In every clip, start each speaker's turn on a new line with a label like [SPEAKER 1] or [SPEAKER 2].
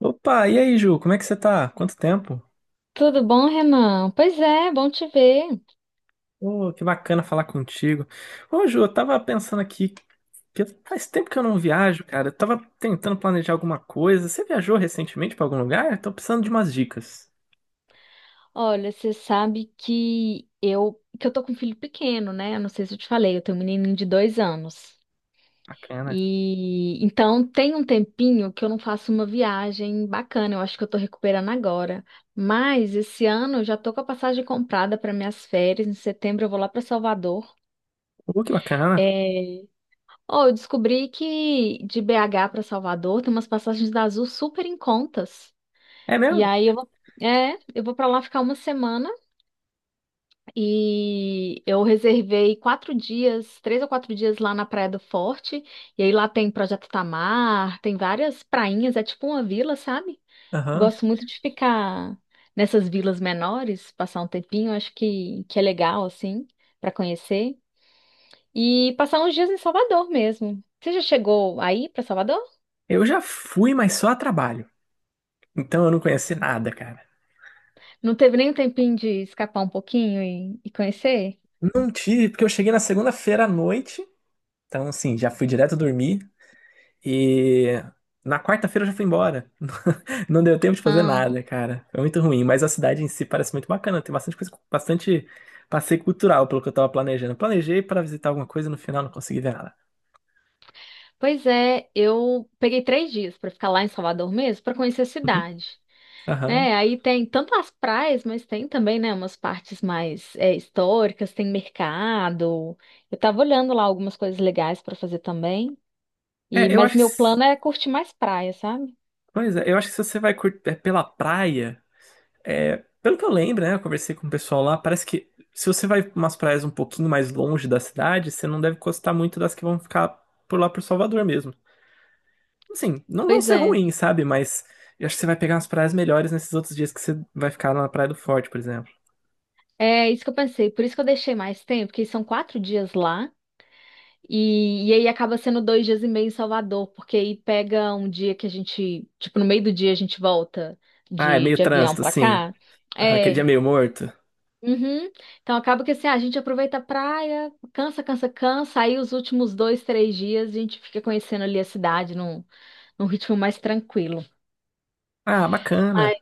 [SPEAKER 1] Opa, e aí, Ju, como é que você tá? Quanto tempo?
[SPEAKER 2] Tudo bom, Renan? Pois é, bom te ver.
[SPEAKER 1] Ô, que bacana falar contigo. Ô, Ju, eu tava pensando aqui que faz tempo que eu não viajo, cara. Eu tava tentando planejar alguma coisa. Você viajou recentemente pra algum lugar? Tô precisando de umas dicas.
[SPEAKER 2] Olha, você sabe que eu tô com um filho pequeno, né? Eu não sei se eu te falei, eu tenho um menininho de 2 anos.
[SPEAKER 1] Bacana.
[SPEAKER 2] E então tem um tempinho que eu não faço uma viagem bacana. Eu acho que eu tô recuperando agora. Mas esse ano eu já tô com a passagem comprada para minhas férias. Em setembro eu vou lá para Salvador.
[SPEAKER 1] Ô, que bacana.
[SPEAKER 2] É. Oh, eu descobri que de BH para Salvador tem umas passagens da Azul super em contas.
[SPEAKER 1] É
[SPEAKER 2] E
[SPEAKER 1] mesmo?
[SPEAKER 2] aí eu vou, eu vou para lá ficar uma semana e eu reservei 4 dias, 3 ou 4 dias lá na Praia do Forte. E aí lá tem Projeto Tamar, tem várias prainhas, é tipo uma vila, sabe?
[SPEAKER 1] Aham.
[SPEAKER 2] Gosto muito de ficar nessas vilas menores, passar um tempinho, acho que é legal, assim, para conhecer. E passar uns dias em Salvador mesmo. Você já chegou aí para Salvador?
[SPEAKER 1] Eu já fui, mas só a trabalho. Então eu não conheci nada, cara.
[SPEAKER 2] Não teve nem um tempinho de escapar um pouquinho e conhecer?
[SPEAKER 1] Não tive, porque eu cheguei na segunda-feira à noite. Então, assim, já fui direto dormir. E na quarta-feira eu já fui embora. Não deu tempo de fazer nada, cara. Foi muito ruim, mas a cidade em si parece muito bacana. Tem bastante coisa, bastante passeio cultural, pelo que eu tava planejando. Planejei para visitar alguma coisa, no final não consegui ver nada.
[SPEAKER 2] Pois é, eu peguei 3 dias para ficar lá em Salvador mesmo, para conhecer a
[SPEAKER 1] Uhum.
[SPEAKER 2] cidade,
[SPEAKER 1] Aham.
[SPEAKER 2] né? Aí tem tanto as praias, mas tem também, né, umas partes mais históricas, tem mercado. Eu tava olhando lá algumas coisas legais para fazer também. E
[SPEAKER 1] É, eu
[SPEAKER 2] mas
[SPEAKER 1] acho que.
[SPEAKER 2] meu plano é curtir mais praia, sabe?
[SPEAKER 1] Pois é, eu acho que se você vai é, pela praia, é, pelo que eu lembro, né? Eu conversei com o pessoal lá, parece que se você vai pra umas praias um pouquinho mais longe da cidade, você não deve gostar muito das que vão ficar por lá por Salvador mesmo. Assim, não vão
[SPEAKER 2] Pois
[SPEAKER 1] ser
[SPEAKER 2] é,
[SPEAKER 1] ruins, sabe? Mas eu acho que você vai pegar umas praias melhores nesses outros dias que você vai ficar lá na Praia do Forte, por exemplo.
[SPEAKER 2] é isso que eu pensei. Por isso que eu deixei mais tempo, porque são 4 dias lá. E aí acaba sendo 2 dias e meio em Salvador, porque aí pega um dia que a gente, tipo, no meio do dia a gente volta
[SPEAKER 1] Ah, é
[SPEAKER 2] de,
[SPEAKER 1] meio
[SPEAKER 2] de avião
[SPEAKER 1] trânsito,
[SPEAKER 2] pra
[SPEAKER 1] assim.
[SPEAKER 2] cá.
[SPEAKER 1] Ah, aquele dia
[SPEAKER 2] É.
[SPEAKER 1] meio morto.
[SPEAKER 2] Uhum. Então acaba que assim, a gente aproveita a praia, cansa, cansa, cansa, aí os últimos 2, 3 dias a gente fica conhecendo ali a cidade num ritmo mais tranquilo.
[SPEAKER 1] Ah, bacana.
[SPEAKER 2] Ai.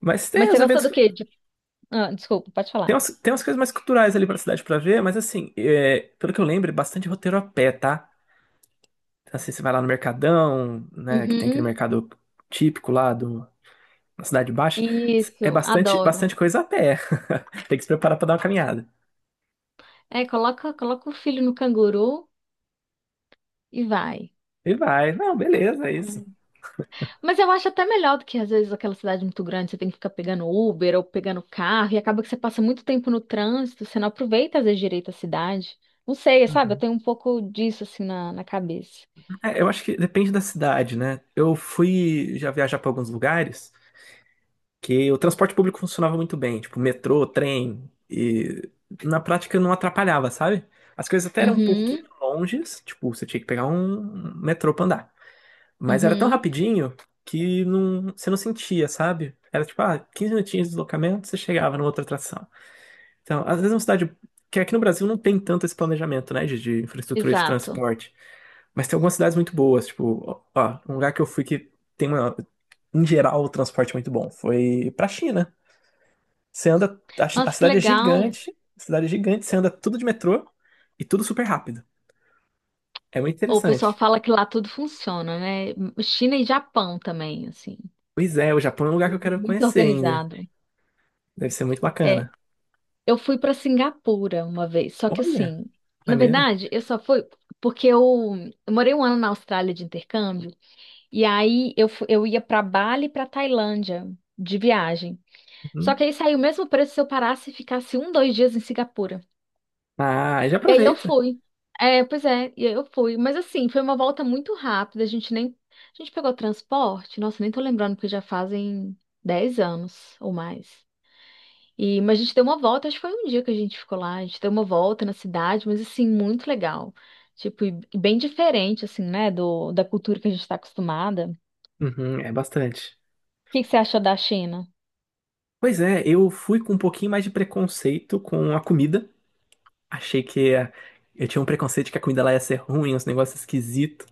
[SPEAKER 1] Mas tem
[SPEAKER 2] Mas você
[SPEAKER 1] os
[SPEAKER 2] gosta do
[SPEAKER 1] eventos.
[SPEAKER 2] quê? Ah, desculpa, pode falar.
[SPEAKER 1] Tem umas coisas mais culturais ali pra cidade pra ver, mas assim, é, pelo que eu lembro, é bastante roteiro a pé, tá? Então, assim, você vai lá no Mercadão, né? Que tem aquele
[SPEAKER 2] Uhum.
[SPEAKER 1] mercado típico lá na Cidade Baixa. É
[SPEAKER 2] Isso,
[SPEAKER 1] bastante,
[SPEAKER 2] adoro.
[SPEAKER 1] bastante coisa a pé. Tem que se preparar pra dar uma caminhada.
[SPEAKER 2] É, coloca o filho no canguru e vai.
[SPEAKER 1] E vai. Não, beleza, é isso.
[SPEAKER 2] Mas eu acho até melhor do que às vezes aquela cidade muito grande, você tem que ficar pegando Uber ou pegando carro e acaba que você passa muito tempo no trânsito, você não aproveita às vezes direito a cidade. Não sei, sabe? Eu tenho um pouco disso assim na cabeça.
[SPEAKER 1] É, eu acho que depende da cidade, né? Eu fui já viajar para alguns lugares que o transporte público funcionava muito bem, tipo metrô, trem, e na prática não atrapalhava, sabe? As coisas até eram um pouquinho
[SPEAKER 2] Uhum,
[SPEAKER 1] longes, tipo, você tinha que pegar um metrô pra andar. Mas era tão
[SPEAKER 2] uhum,
[SPEAKER 1] rapidinho que não, você não sentia, sabe? Era tipo, ah, 15 minutinhos de deslocamento, você chegava numa outra atração. Então, às vezes é uma cidade que aqui no Brasil não tem tanto esse planejamento, né, de infraestrutura de
[SPEAKER 2] exato.
[SPEAKER 1] transporte. Mas tem algumas cidades muito boas, tipo, ó, um lugar que eu fui que tem uma, em geral, o transporte muito bom. Foi pra China. Você anda, a
[SPEAKER 2] Nossa, que
[SPEAKER 1] cidade é
[SPEAKER 2] legal.
[SPEAKER 1] gigante, você anda tudo de metrô e tudo super rápido. É muito
[SPEAKER 2] O pessoal
[SPEAKER 1] interessante.
[SPEAKER 2] fala que lá tudo funciona, né? China e Japão também, assim.
[SPEAKER 1] Pois é, o Japão é um lugar que eu
[SPEAKER 2] Tudo
[SPEAKER 1] quero
[SPEAKER 2] muito
[SPEAKER 1] conhecer ainda.
[SPEAKER 2] organizado.
[SPEAKER 1] Deve ser muito
[SPEAKER 2] É,
[SPEAKER 1] bacana.
[SPEAKER 2] eu fui para Singapura uma vez, só que
[SPEAKER 1] Olha,
[SPEAKER 2] assim, na
[SPEAKER 1] maneiro.
[SPEAKER 2] verdade, eu só fui porque eu morei um ano na Austrália de intercâmbio e aí eu ia para Bali e para Tailândia de viagem. Só que
[SPEAKER 1] Uhum.
[SPEAKER 2] aí saiu o mesmo preço se eu parasse e ficasse um, dois dias em Singapura.
[SPEAKER 1] Ah, já
[SPEAKER 2] E aí eu
[SPEAKER 1] aproveita.
[SPEAKER 2] fui. É, pois é, e aí eu fui. Mas assim, foi uma volta muito rápida. A gente nem, a gente pegou transporte. Nossa, nem tô lembrando porque já fazem 10 anos ou mais. E, mas a gente deu uma volta, acho que foi um dia que a gente ficou lá, a gente deu uma volta na cidade, mas assim, muito legal. Tipo, e bem diferente, assim, né, da cultura que a gente está acostumada. O
[SPEAKER 1] Uhum, é bastante.
[SPEAKER 2] que que você achou da China?
[SPEAKER 1] Pois é, eu fui com um pouquinho mais de preconceito com a comida. Achei que eu tinha um preconceito que a comida lá ia ser ruim, uns negócios esquisitos.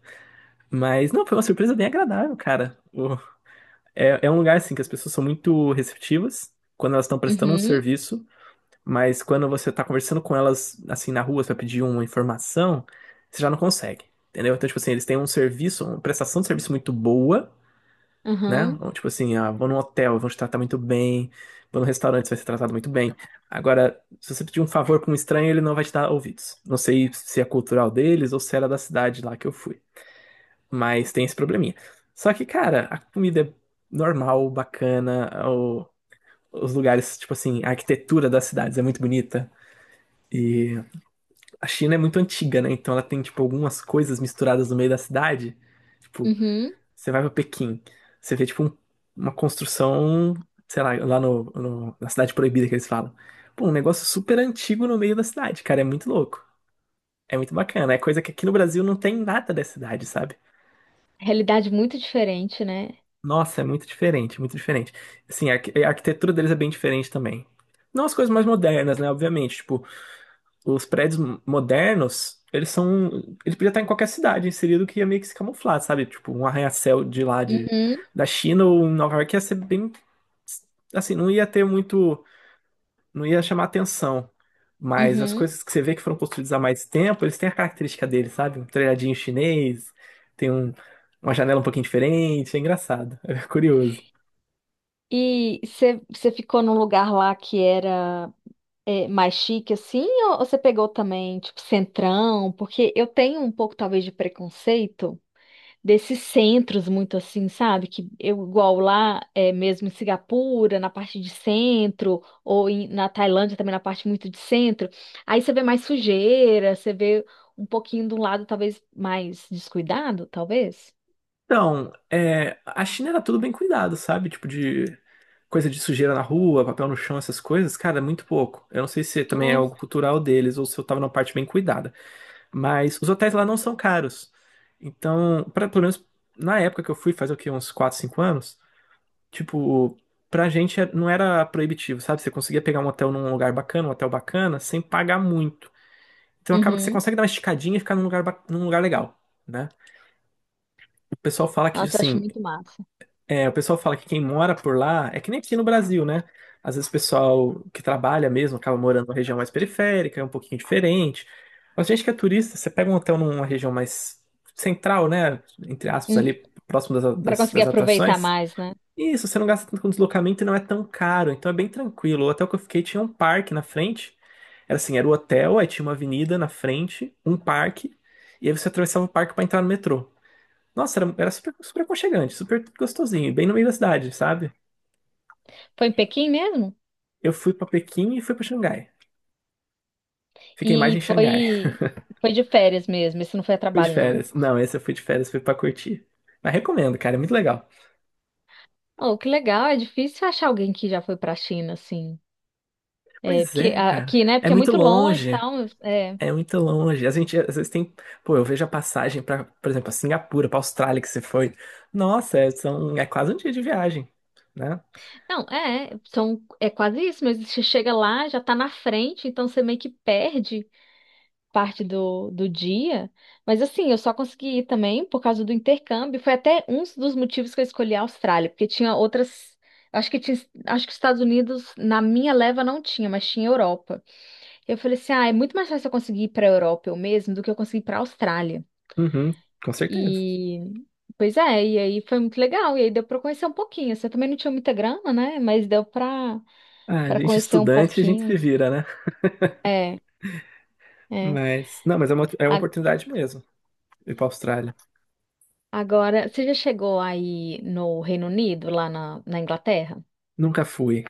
[SPEAKER 1] Mas não, foi uma surpresa bem agradável, cara. É, é um lugar assim que as pessoas são muito receptivas quando elas estão prestando um
[SPEAKER 2] Uhum,
[SPEAKER 1] serviço, mas quando você tá conversando com elas assim na rua pra pedir uma informação, você já não consegue. Entendeu? Então, tipo assim, eles têm um serviço, uma prestação de serviço muito boa, né?
[SPEAKER 2] uhum,
[SPEAKER 1] Então, tipo assim, ah, vou num hotel, vão te tratar muito bem, vou num restaurante, você vai ser tratado muito bem. Agora, se você pedir um favor pra um estranho, ele não vai te dar ouvidos. Não sei se é cultural deles ou se era da cidade lá que eu fui. Mas tem esse probleminha. Só que, cara, a comida é normal, bacana, os lugares, tipo assim, a arquitetura das cidades é muito bonita. E a China é muito antiga, né? Então ela tem, tipo, algumas coisas misturadas no meio da cidade. Tipo,
[SPEAKER 2] uhum.
[SPEAKER 1] você vai pra Pequim, você vê, tipo, uma construção, sei lá, na Cidade Proibida que eles falam. Pô, um negócio super antigo no meio da cidade, cara, é muito louco. É muito bacana. É coisa que aqui no Brasil não tem nada da cidade, sabe?
[SPEAKER 2] Realidade muito diferente, né?
[SPEAKER 1] Nossa, é muito diferente, muito diferente. Assim, a arquitetura deles é bem diferente também. Não as coisas mais modernas, né? Obviamente, tipo, os prédios modernos, eles são. Ele podia estar em qualquer cidade inserido que ia meio que se camuflar, sabe? Tipo, um arranha-céu
[SPEAKER 2] Uhum,
[SPEAKER 1] da China ou em Nova York ia ser bem. Assim, não ia ter muito. Não ia chamar atenção. Mas as
[SPEAKER 2] uhum.
[SPEAKER 1] coisas que você vê que foram construídas há mais tempo, eles têm a característica deles, sabe? Um telhadinho chinês, tem um, uma janela um pouquinho diferente, é engraçado, é curioso.
[SPEAKER 2] E você ficou num lugar lá que era mais chique, assim, ou você pegou também, tipo, centrão? Porque eu tenho um pouco, talvez, de preconceito, desses centros muito assim, sabe? Que eu igual lá, mesmo em Singapura, na parte de centro, ou na Tailândia também na parte muito de centro, aí você vê mais sujeira, você vê um pouquinho de um lado talvez mais descuidado, talvez.
[SPEAKER 1] Então, é, a China era tudo bem cuidado, sabe? Tipo de coisa de sujeira na rua, papel no chão, essas coisas, cara, é muito pouco. Eu não sei se também é
[SPEAKER 2] Né?
[SPEAKER 1] algo cultural deles ou se eu tava numa parte bem cuidada, mas os hotéis lá não são caros. Então, pra, pelo menos na época que eu fui, faz o quê? Uns 4, 5 anos, tipo, pra gente não era proibitivo, sabe? Você conseguia pegar um hotel num lugar bacana, um hotel bacana, sem pagar muito. Então acaba que você
[SPEAKER 2] Uhum.
[SPEAKER 1] consegue dar uma esticadinha e ficar num lugar, num lugar legal. Né? O pessoal fala que,
[SPEAKER 2] Nossa, eu acho
[SPEAKER 1] assim,
[SPEAKER 2] muito massa.
[SPEAKER 1] é, o pessoal fala que quem mora por lá é que nem aqui no Brasil, né? Às vezes o pessoal que trabalha mesmo acaba morando numa região mais periférica, é um pouquinho diferente. Mas gente que é turista, você pega um hotel numa região mais central, né? Entre aspas,
[SPEAKER 2] Hum.
[SPEAKER 1] ali próximo das,
[SPEAKER 2] Para
[SPEAKER 1] das,
[SPEAKER 2] conseguir
[SPEAKER 1] das
[SPEAKER 2] aproveitar
[SPEAKER 1] atrações.
[SPEAKER 2] mais, né?
[SPEAKER 1] E isso, você não gasta tanto com deslocamento e não é tão caro, então é bem tranquilo. O hotel que eu fiquei tinha um parque na frente. Era assim, era o hotel, aí tinha uma avenida na frente, um parque, e aí você atravessava o parque para entrar no metrô. Nossa, era, era super, super aconchegante, super gostosinho, bem no meio da cidade, sabe?
[SPEAKER 2] Foi em Pequim mesmo?
[SPEAKER 1] Eu fui pra Pequim e fui pra Xangai. Fiquei mais em
[SPEAKER 2] E foi
[SPEAKER 1] Xangai.
[SPEAKER 2] foi de férias mesmo, isso não foi a
[SPEAKER 1] Fui de
[SPEAKER 2] trabalho, não.
[SPEAKER 1] férias. Não, esse eu fui de férias, fui pra curtir. Mas recomendo, cara, é muito legal.
[SPEAKER 2] Oh, que legal, é difícil achar alguém que já foi pra China, assim. É,
[SPEAKER 1] Pois
[SPEAKER 2] porque
[SPEAKER 1] é, cara.
[SPEAKER 2] aqui, né?
[SPEAKER 1] É
[SPEAKER 2] Porque é
[SPEAKER 1] muito
[SPEAKER 2] muito longe e
[SPEAKER 1] longe.
[SPEAKER 2] tal. Mas, é.
[SPEAKER 1] É muito longe. A gente às vezes tem. Pô, eu vejo a passagem pra, por exemplo, a Singapura, pra Austrália que você foi. Nossa, é quase um dia de viagem, né?
[SPEAKER 2] Não, é, são, é quase isso, mas você chega lá, já tá na frente, então você meio que perde parte do dia. Mas assim, eu só consegui ir também por causa do intercâmbio. Foi até um dos motivos que eu escolhi a Austrália, porque tinha outras. Acho que tinha, acho que os Estados Unidos, na minha leva, não tinha, mas tinha Europa. Eu falei assim: ah, é muito mais fácil eu conseguir ir pra Europa eu mesmo do que eu conseguir ir pra Austrália.
[SPEAKER 1] Uhum, com certeza.
[SPEAKER 2] E pois é, e aí foi muito legal, e aí deu para conhecer um pouquinho. Você também não tinha muita grana, né? Mas deu para
[SPEAKER 1] Ah,
[SPEAKER 2] para
[SPEAKER 1] gente,
[SPEAKER 2] conhecer um
[SPEAKER 1] estudante, a gente se
[SPEAKER 2] pouquinho.
[SPEAKER 1] vira, né?
[SPEAKER 2] É, é.
[SPEAKER 1] Mas, não, mas é uma
[SPEAKER 2] A-
[SPEAKER 1] oportunidade mesmo ir pra Austrália.
[SPEAKER 2] Agora, você já chegou aí no Reino Unido, lá na Inglaterra?
[SPEAKER 1] Nunca fui.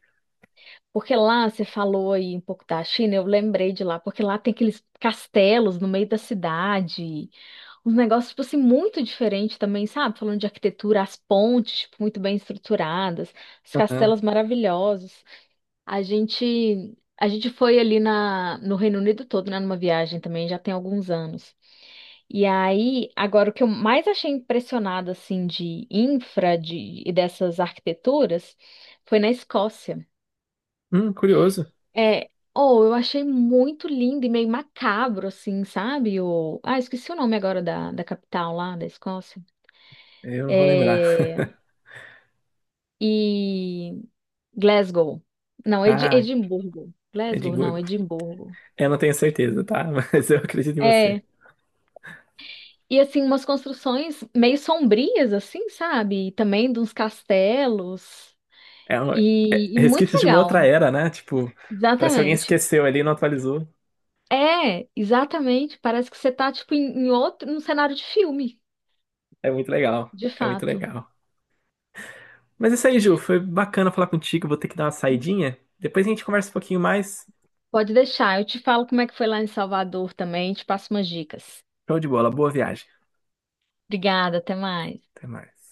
[SPEAKER 2] Porque lá você falou aí um pouco da China, eu lembrei de lá, porque lá tem aqueles castelos no meio da cidade, uns negócios, tipo assim, muito diferentes também, sabe? Falando de arquitetura, as pontes, tipo, muito bem estruturadas, os
[SPEAKER 1] Aham.
[SPEAKER 2] castelos maravilhosos. A gente foi ali no Reino Unido todo, né, numa viagem também, já tem alguns anos. E aí, agora o que eu mais achei impressionado, assim, de infra de, e dessas arquiteturas, foi na Escócia.
[SPEAKER 1] Curioso.
[SPEAKER 2] É, oh, eu achei muito lindo e meio macabro, assim, sabe? O, ah, esqueci o nome agora da capital lá, da Escócia.
[SPEAKER 1] Eu não vou lembrar.
[SPEAKER 2] É, e Glasgow. Não,
[SPEAKER 1] Ah,
[SPEAKER 2] Edimburgo. Glasgow, não,
[SPEAKER 1] Edimburgo.
[SPEAKER 2] Edimburgo.
[SPEAKER 1] Eu não tenho certeza, tá? Mas eu acredito em você.
[SPEAKER 2] É, e assim, umas construções meio sombrias, assim, sabe? E também de uns castelos.
[SPEAKER 1] É
[SPEAKER 2] E muito
[SPEAKER 1] resquícios de uma outra
[SPEAKER 2] legal.
[SPEAKER 1] era, né? Tipo, parece que alguém
[SPEAKER 2] Exatamente.
[SPEAKER 1] esqueceu ali e não atualizou.
[SPEAKER 2] É, exatamente. Parece que você tá, tipo, em outro, num cenário de filme,
[SPEAKER 1] É muito legal.
[SPEAKER 2] de
[SPEAKER 1] É muito
[SPEAKER 2] fato.
[SPEAKER 1] legal. Mas é isso aí, Ju. Foi bacana falar contigo. Vou ter que dar uma saidinha. Depois a gente conversa um pouquinho mais.
[SPEAKER 2] Pode deixar. Eu te falo como é que foi lá em Salvador também, te passo umas dicas.
[SPEAKER 1] Show de bola. Boa viagem.
[SPEAKER 2] Obrigada, até mais.
[SPEAKER 1] Até mais.